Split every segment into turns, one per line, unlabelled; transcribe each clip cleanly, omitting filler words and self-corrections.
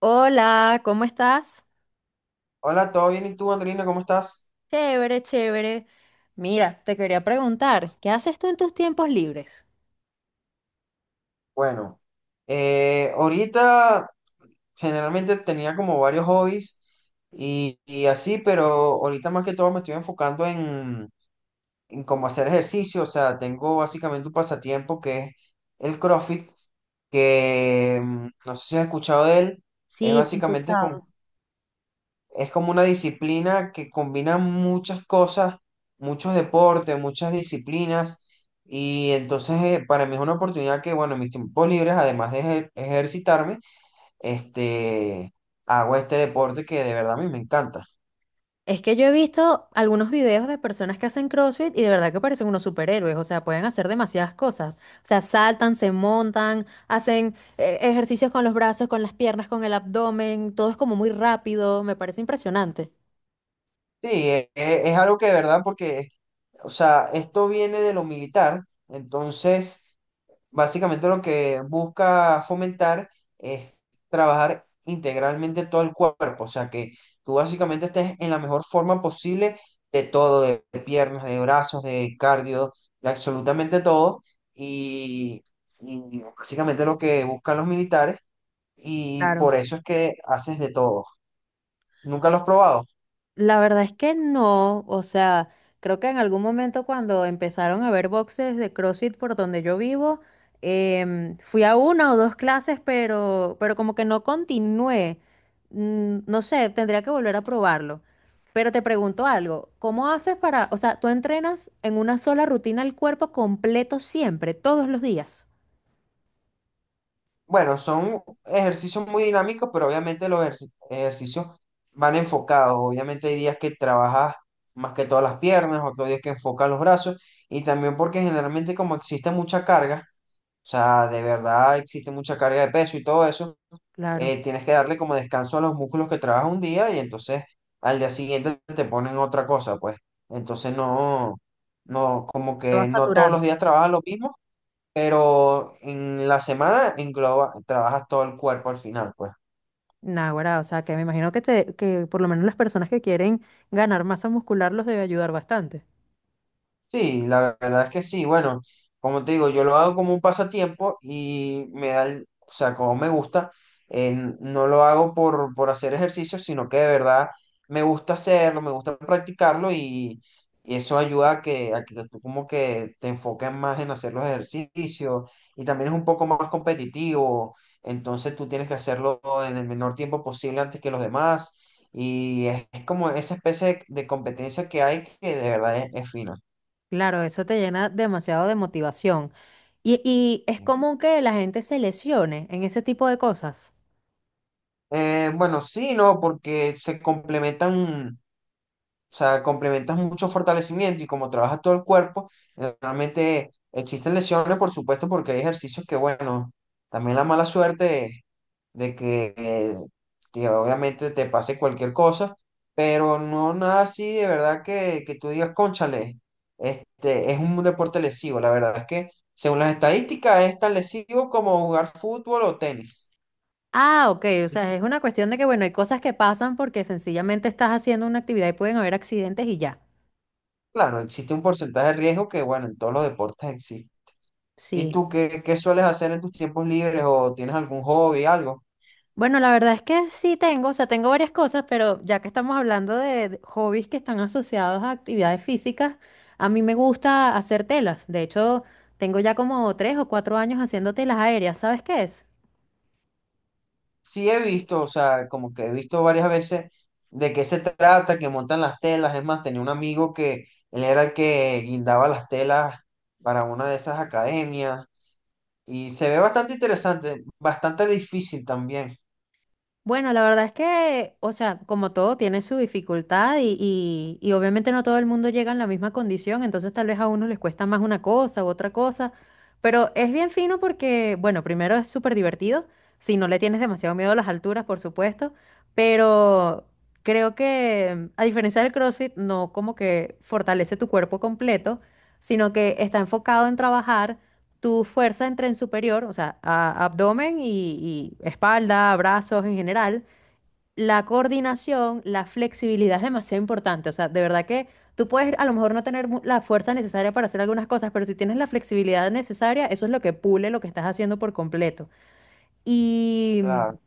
Hola, ¿cómo estás?
Hola, ¿todo bien? ¿Y tú, Andrina, cómo estás?
Chévere, chévere. Mira, te quería preguntar, ¿qué haces tú en tus tiempos libres?
Bueno, ahorita generalmente tenía como varios hobbies y así, pero ahorita más que todo me estoy enfocando en cómo hacer ejercicio. O sea, tengo básicamente un pasatiempo que es el CrossFit, que no sé si has escuchado de él. Es
Sí, sí, he
básicamente con
escuchado.
Es como una disciplina que combina muchas cosas, muchos deportes, muchas disciplinas. Y entonces para mí es una oportunidad que, bueno, en mis tiempos libres, además de ejercitarme, este, hago este deporte que de verdad a mí me encanta.
Es que yo he visto algunos videos de personas que hacen CrossFit y de verdad que parecen unos superhéroes, o sea, pueden hacer demasiadas cosas. O sea, saltan, se montan, hacen ejercicios con los brazos, con las piernas, con el abdomen, todo es como muy rápido, me parece impresionante.
Sí, es, algo que de verdad porque, o sea, esto viene de lo militar. Entonces, básicamente lo que busca fomentar es trabajar integralmente todo el cuerpo, o sea que tú básicamente estés en la mejor forma posible de todo, de, piernas, de brazos, de cardio, de absolutamente todo. Y, y básicamente lo que buscan los militares y
Claro.
por eso es que haces de todo. ¿Nunca lo has probado?
La verdad es que no, o sea, creo que en algún momento cuando empezaron a haber boxes de CrossFit por donde yo vivo, fui a una o dos clases, pero como que no continué. Mm, no sé, tendría que volver a probarlo. Pero te pregunto algo, ¿cómo haces para, o sea, tú entrenas en una sola rutina el cuerpo completo siempre, todos los días?
Bueno, son ejercicios muy dinámicos, pero obviamente los ejercicios van enfocados. Obviamente hay días que trabajas más que todas las piernas, otros días que enfocas los brazos, y también porque generalmente como existe mucha carga, o sea, de verdad existe mucha carga de peso y todo eso,
Claro.
tienes que darle como descanso a los músculos que trabajas un día y entonces al día siguiente te ponen otra cosa, pues. Entonces no, no, como
Te
que
vas
no todos
saturando.
los días trabajas lo mismo, pero en la semana engloba, trabajas todo el cuerpo al final, pues.
Naguará, o sea, que me imagino que, te, que por lo menos las personas que quieren ganar masa muscular los debe ayudar bastante.
Sí, la verdad es que sí. Bueno, como te digo, yo lo hago como un pasatiempo y me da, o sea, como me gusta, eh, no lo hago por hacer ejercicio, sino que de verdad me gusta hacerlo, me gusta practicarlo y eso ayuda a que tú como que te enfoques más en hacer los ejercicios y también es un poco más competitivo, entonces tú tienes que hacerlo en el menor tiempo posible antes que los demás y es como esa especie de competencia que hay que de verdad es fina.
Claro, eso te llena demasiado de motivación. Y es común que la gente se lesione en ese tipo de cosas.
Bueno, sí, no, porque se complementan, o sea, complementan mucho fortalecimiento y como trabaja todo el cuerpo, realmente existen lesiones, por supuesto, porque hay ejercicios que, bueno, también la mala suerte de que que obviamente te pase cualquier cosa, pero no nada así de verdad que tú digas, cónchale, este es un deporte lesivo, la verdad es que según las estadísticas es tan lesivo como jugar fútbol o tenis.
Ah, ok, o sea, es una cuestión de que, bueno, hay cosas que pasan porque sencillamente estás haciendo una actividad y pueden haber accidentes y ya.
Claro, existe un porcentaje de riesgo que, bueno, en todos los deportes existe. ¿Y
Sí.
tú qué, qué sueles hacer en tus tiempos libres o tienes algún hobby, algo?
Bueno, la verdad es que sí tengo, o sea, tengo varias cosas, pero ya que estamos hablando de hobbies que están asociados a actividades físicas, a mí me gusta hacer telas. De hecho, tengo ya como tres o cuatro años haciendo telas aéreas, ¿sabes qué es?
Sí, he visto, o sea, como que he visto varias veces de qué se trata, que montan las telas. Es más, tenía un amigo que él era el que guindaba las telas para una de esas academias y se ve bastante interesante, bastante difícil también,
Bueno, la verdad es que, o sea, como todo tiene su dificultad y obviamente no todo el mundo llega en la misma condición, entonces tal vez a unos les cuesta más una cosa u otra cosa, pero es bien fino porque, bueno, primero es súper divertido, si no le tienes demasiado miedo a las alturas, por supuesto, pero creo que a diferencia del CrossFit, no como que fortalece tu cuerpo completo, sino que está enfocado en trabajar tu fuerza en tren superior, o sea, abdomen y espalda, brazos en general, la coordinación, la flexibilidad es demasiado importante. O sea, de verdad que tú puedes a lo mejor no tener la fuerza necesaria para hacer algunas cosas, pero si tienes la flexibilidad necesaria, eso es lo que pule lo que estás haciendo por completo. Y
claro.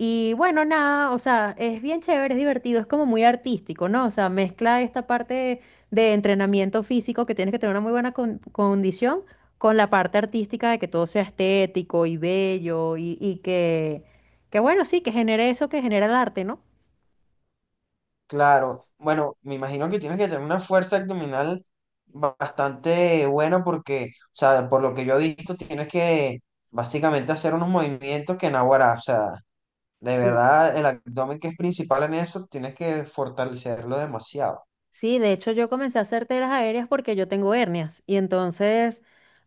y bueno, nada, o sea, es bien chévere, es divertido, es como muy artístico, ¿no? O sea, mezcla esta parte de entrenamiento físico que tienes que tener una muy buena condición con la parte artística de que todo sea estético y bello y que bueno, sí, que genere eso que genera el arte, ¿no?
Claro, bueno, me imagino que tienes que tener una fuerza abdominal bastante buena porque, o sea, por lo que yo he visto, tienes que básicamente hacer unos movimientos que naguará, o sea, de
Sí.
verdad el abdomen que es principal en eso, tienes que fortalecerlo demasiado.
Sí, de hecho yo comencé a hacer telas aéreas porque yo tengo hernias y entonces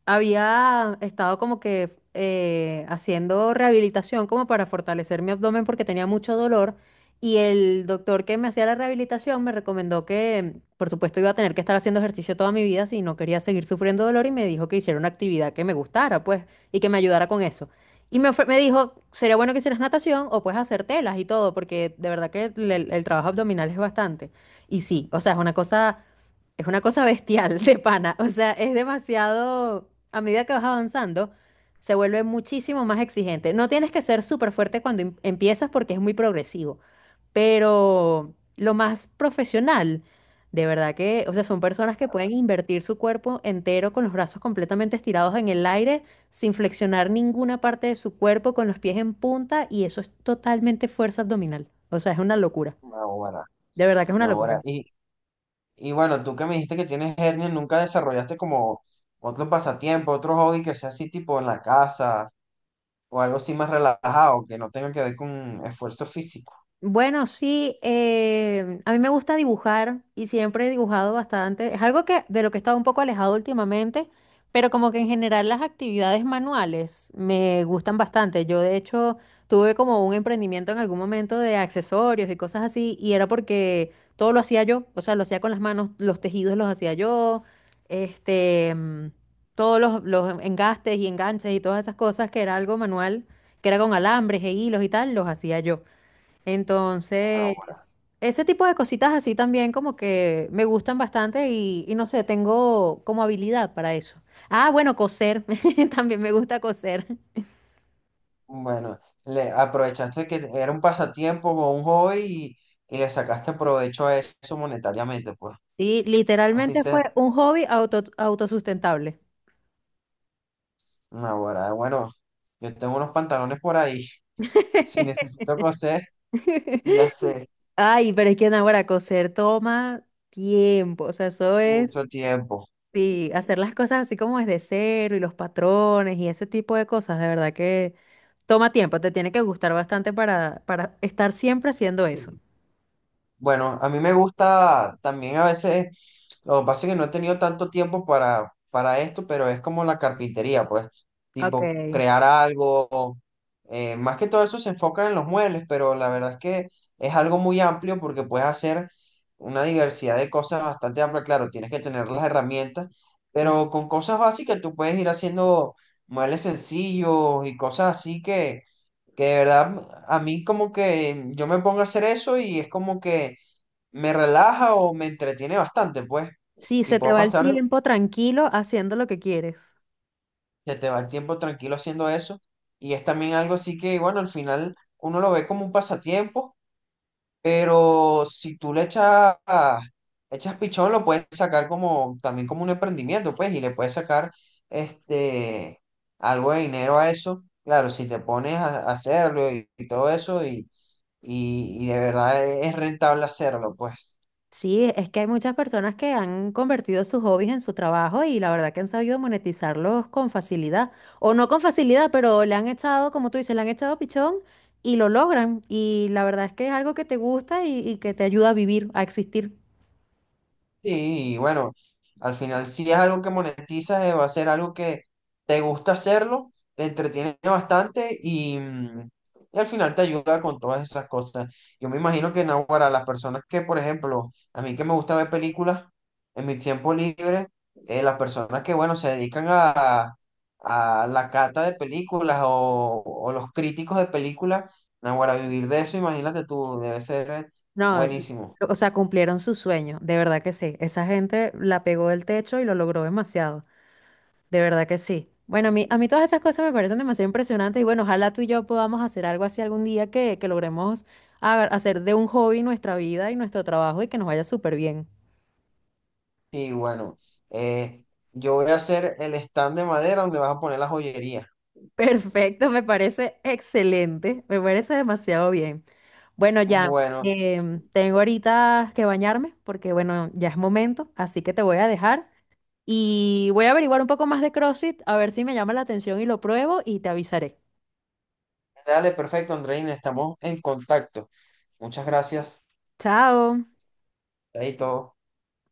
había estado como que haciendo rehabilitación como para fortalecer mi abdomen porque tenía mucho dolor y el doctor que me hacía la rehabilitación me recomendó que por supuesto iba a tener que estar haciendo ejercicio toda mi vida si no quería seguir sufriendo dolor y me dijo que hiciera una actividad que me gustara pues y que me ayudara con eso. Y me, me dijo, sería bueno que hicieras natación o puedes hacer telas y todo porque de verdad que el trabajo abdominal es bastante. Y sí, o sea, es una cosa bestial de pana. O sea, es demasiado, a medida que vas avanzando, se vuelve muchísimo más exigente. No tienes que ser súper fuerte cuando empiezas porque es muy progresivo, pero lo más profesional, de verdad que, o sea, son personas que pueden invertir su cuerpo entero con los brazos completamente estirados en el aire, sin flexionar ninguna parte de su cuerpo, con los pies en punta, y eso es totalmente fuerza abdominal. O sea, es una locura.
Naguará,
De verdad que es una
naguará.
locura.
Y bueno, tú que me dijiste que tienes hernia, ¿nunca desarrollaste como otro pasatiempo, otro hobby que sea así tipo en la casa o algo así más relajado, que no tenga que ver con esfuerzo físico?
Bueno, sí, a mí me gusta dibujar y siempre he dibujado bastante. Es algo que de lo que he estado un poco alejado últimamente, pero como que en general las actividades manuales me gustan bastante. Yo de hecho tuve como un emprendimiento en algún momento de accesorios y cosas así y era porque todo lo hacía yo, o sea, lo hacía con las manos, los tejidos los hacía yo, este, mm, todos los engastes y enganches y todas esas cosas que era algo manual, que era con alambres e hilos y tal, los hacía yo.
No.
Entonces, ese tipo de cositas así también como que me gustan bastante y no sé, tengo como habilidad para eso. Ah, bueno, coser, también me gusta coser.
Bueno, le aprovechaste que era un pasatiempo o un hobby y le sacaste provecho a eso monetariamente, pues.
Sí,
Así
literalmente
sea.
fue un hobby auto, autosustentable.
Ahora, bueno, yo tengo unos pantalones por ahí. Si necesito coser, ya sé,
Ay, pero es que ahora coser toma tiempo, o sea, eso es.
mucho tiempo.
Sí, hacer las cosas así como desde cero y los patrones y ese tipo de cosas, de verdad que toma tiempo, te tiene que gustar bastante para estar siempre haciendo eso.
Bueno, a mí me gusta también a veces. Lo que pasa es que no he tenido tanto tiempo para esto, pero es como la carpintería, pues,
Ok,
tipo crear algo. Eh, más que todo eso se enfoca en los muebles, pero la verdad es que es algo muy amplio porque puedes hacer una diversidad de cosas bastante amplia. Claro, tienes que tener las herramientas,
claro.
pero con cosas básicas tú puedes ir haciendo muebles sencillos y cosas así que de verdad a mí como que yo me pongo a hacer eso y es como que me relaja o me entretiene bastante, pues.
Sí,
Y
se te
puedo
va el
pasar,
tiempo tranquilo haciendo lo que quieres.
se te va el tiempo tranquilo haciendo eso. Y es también algo así que, bueno, al final uno lo ve como un pasatiempo, pero si tú le echas, echas pichón, lo puedes sacar como, también como un emprendimiento, pues, y le puedes sacar este, algo de dinero a eso. Claro, si te pones a hacerlo y todo eso, y de verdad es rentable hacerlo, pues.
Sí, es que hay muchas personas que han convertido sus hobbies en su trabajo y la verdad que han sabido monetizarlos con facilidad, o no con facilidad, pero le han echado, como tú dices, le han echado pichón y lo logran. Y la verdad es que es algo que te gusta y que te ayuda a vivir, a existir.
Sí, y bueno, al final si es algo que monetizas, va a ser algo que te gusta hacerlo, te entretiene bastante y y al final te ayuda con todas esas cosas. Yo me imagino que no, para las personas que, por ejemplo, a mí que me gusta ver películas en mi tiempo libre, las personas que, bueno, se dedican a la cata de películas o los críticos de películas, no, para vivir de eso, imagínate tú, debe ser
No,
buenísimo.
o sea, cumplieron su sueño, de verdad que sí. Esa gente la pegó del techo y lo logró demasiado, de verdad que sí. Bueno, a mí todas esas cosas me parecen demasiado impresionantes y bueno, ojalá tú y yo podamos hacer algo así algún día que logremos hacer de un hobby nuestra vida y nuestro trabajo y que nos vaya súper bien.
Sí, bueno, eh, yo voy a hacer el stand de madera donde vas a poner la joyería.
Perfecto, me parece excelente, me parece demasiado bien. Bueno, ya,
Bueno,
tengo ahorita que bañarme porque bueno, ya es momento, así que te voy a dejar. Y voy a averiguar un poco más de CrossFit, a ver si me llama la atención y lo pruebo y te avisaré.
dale, perfecto, Andreina, estamos en contacto. Muchas gracias.
Chao.
Ahí todo.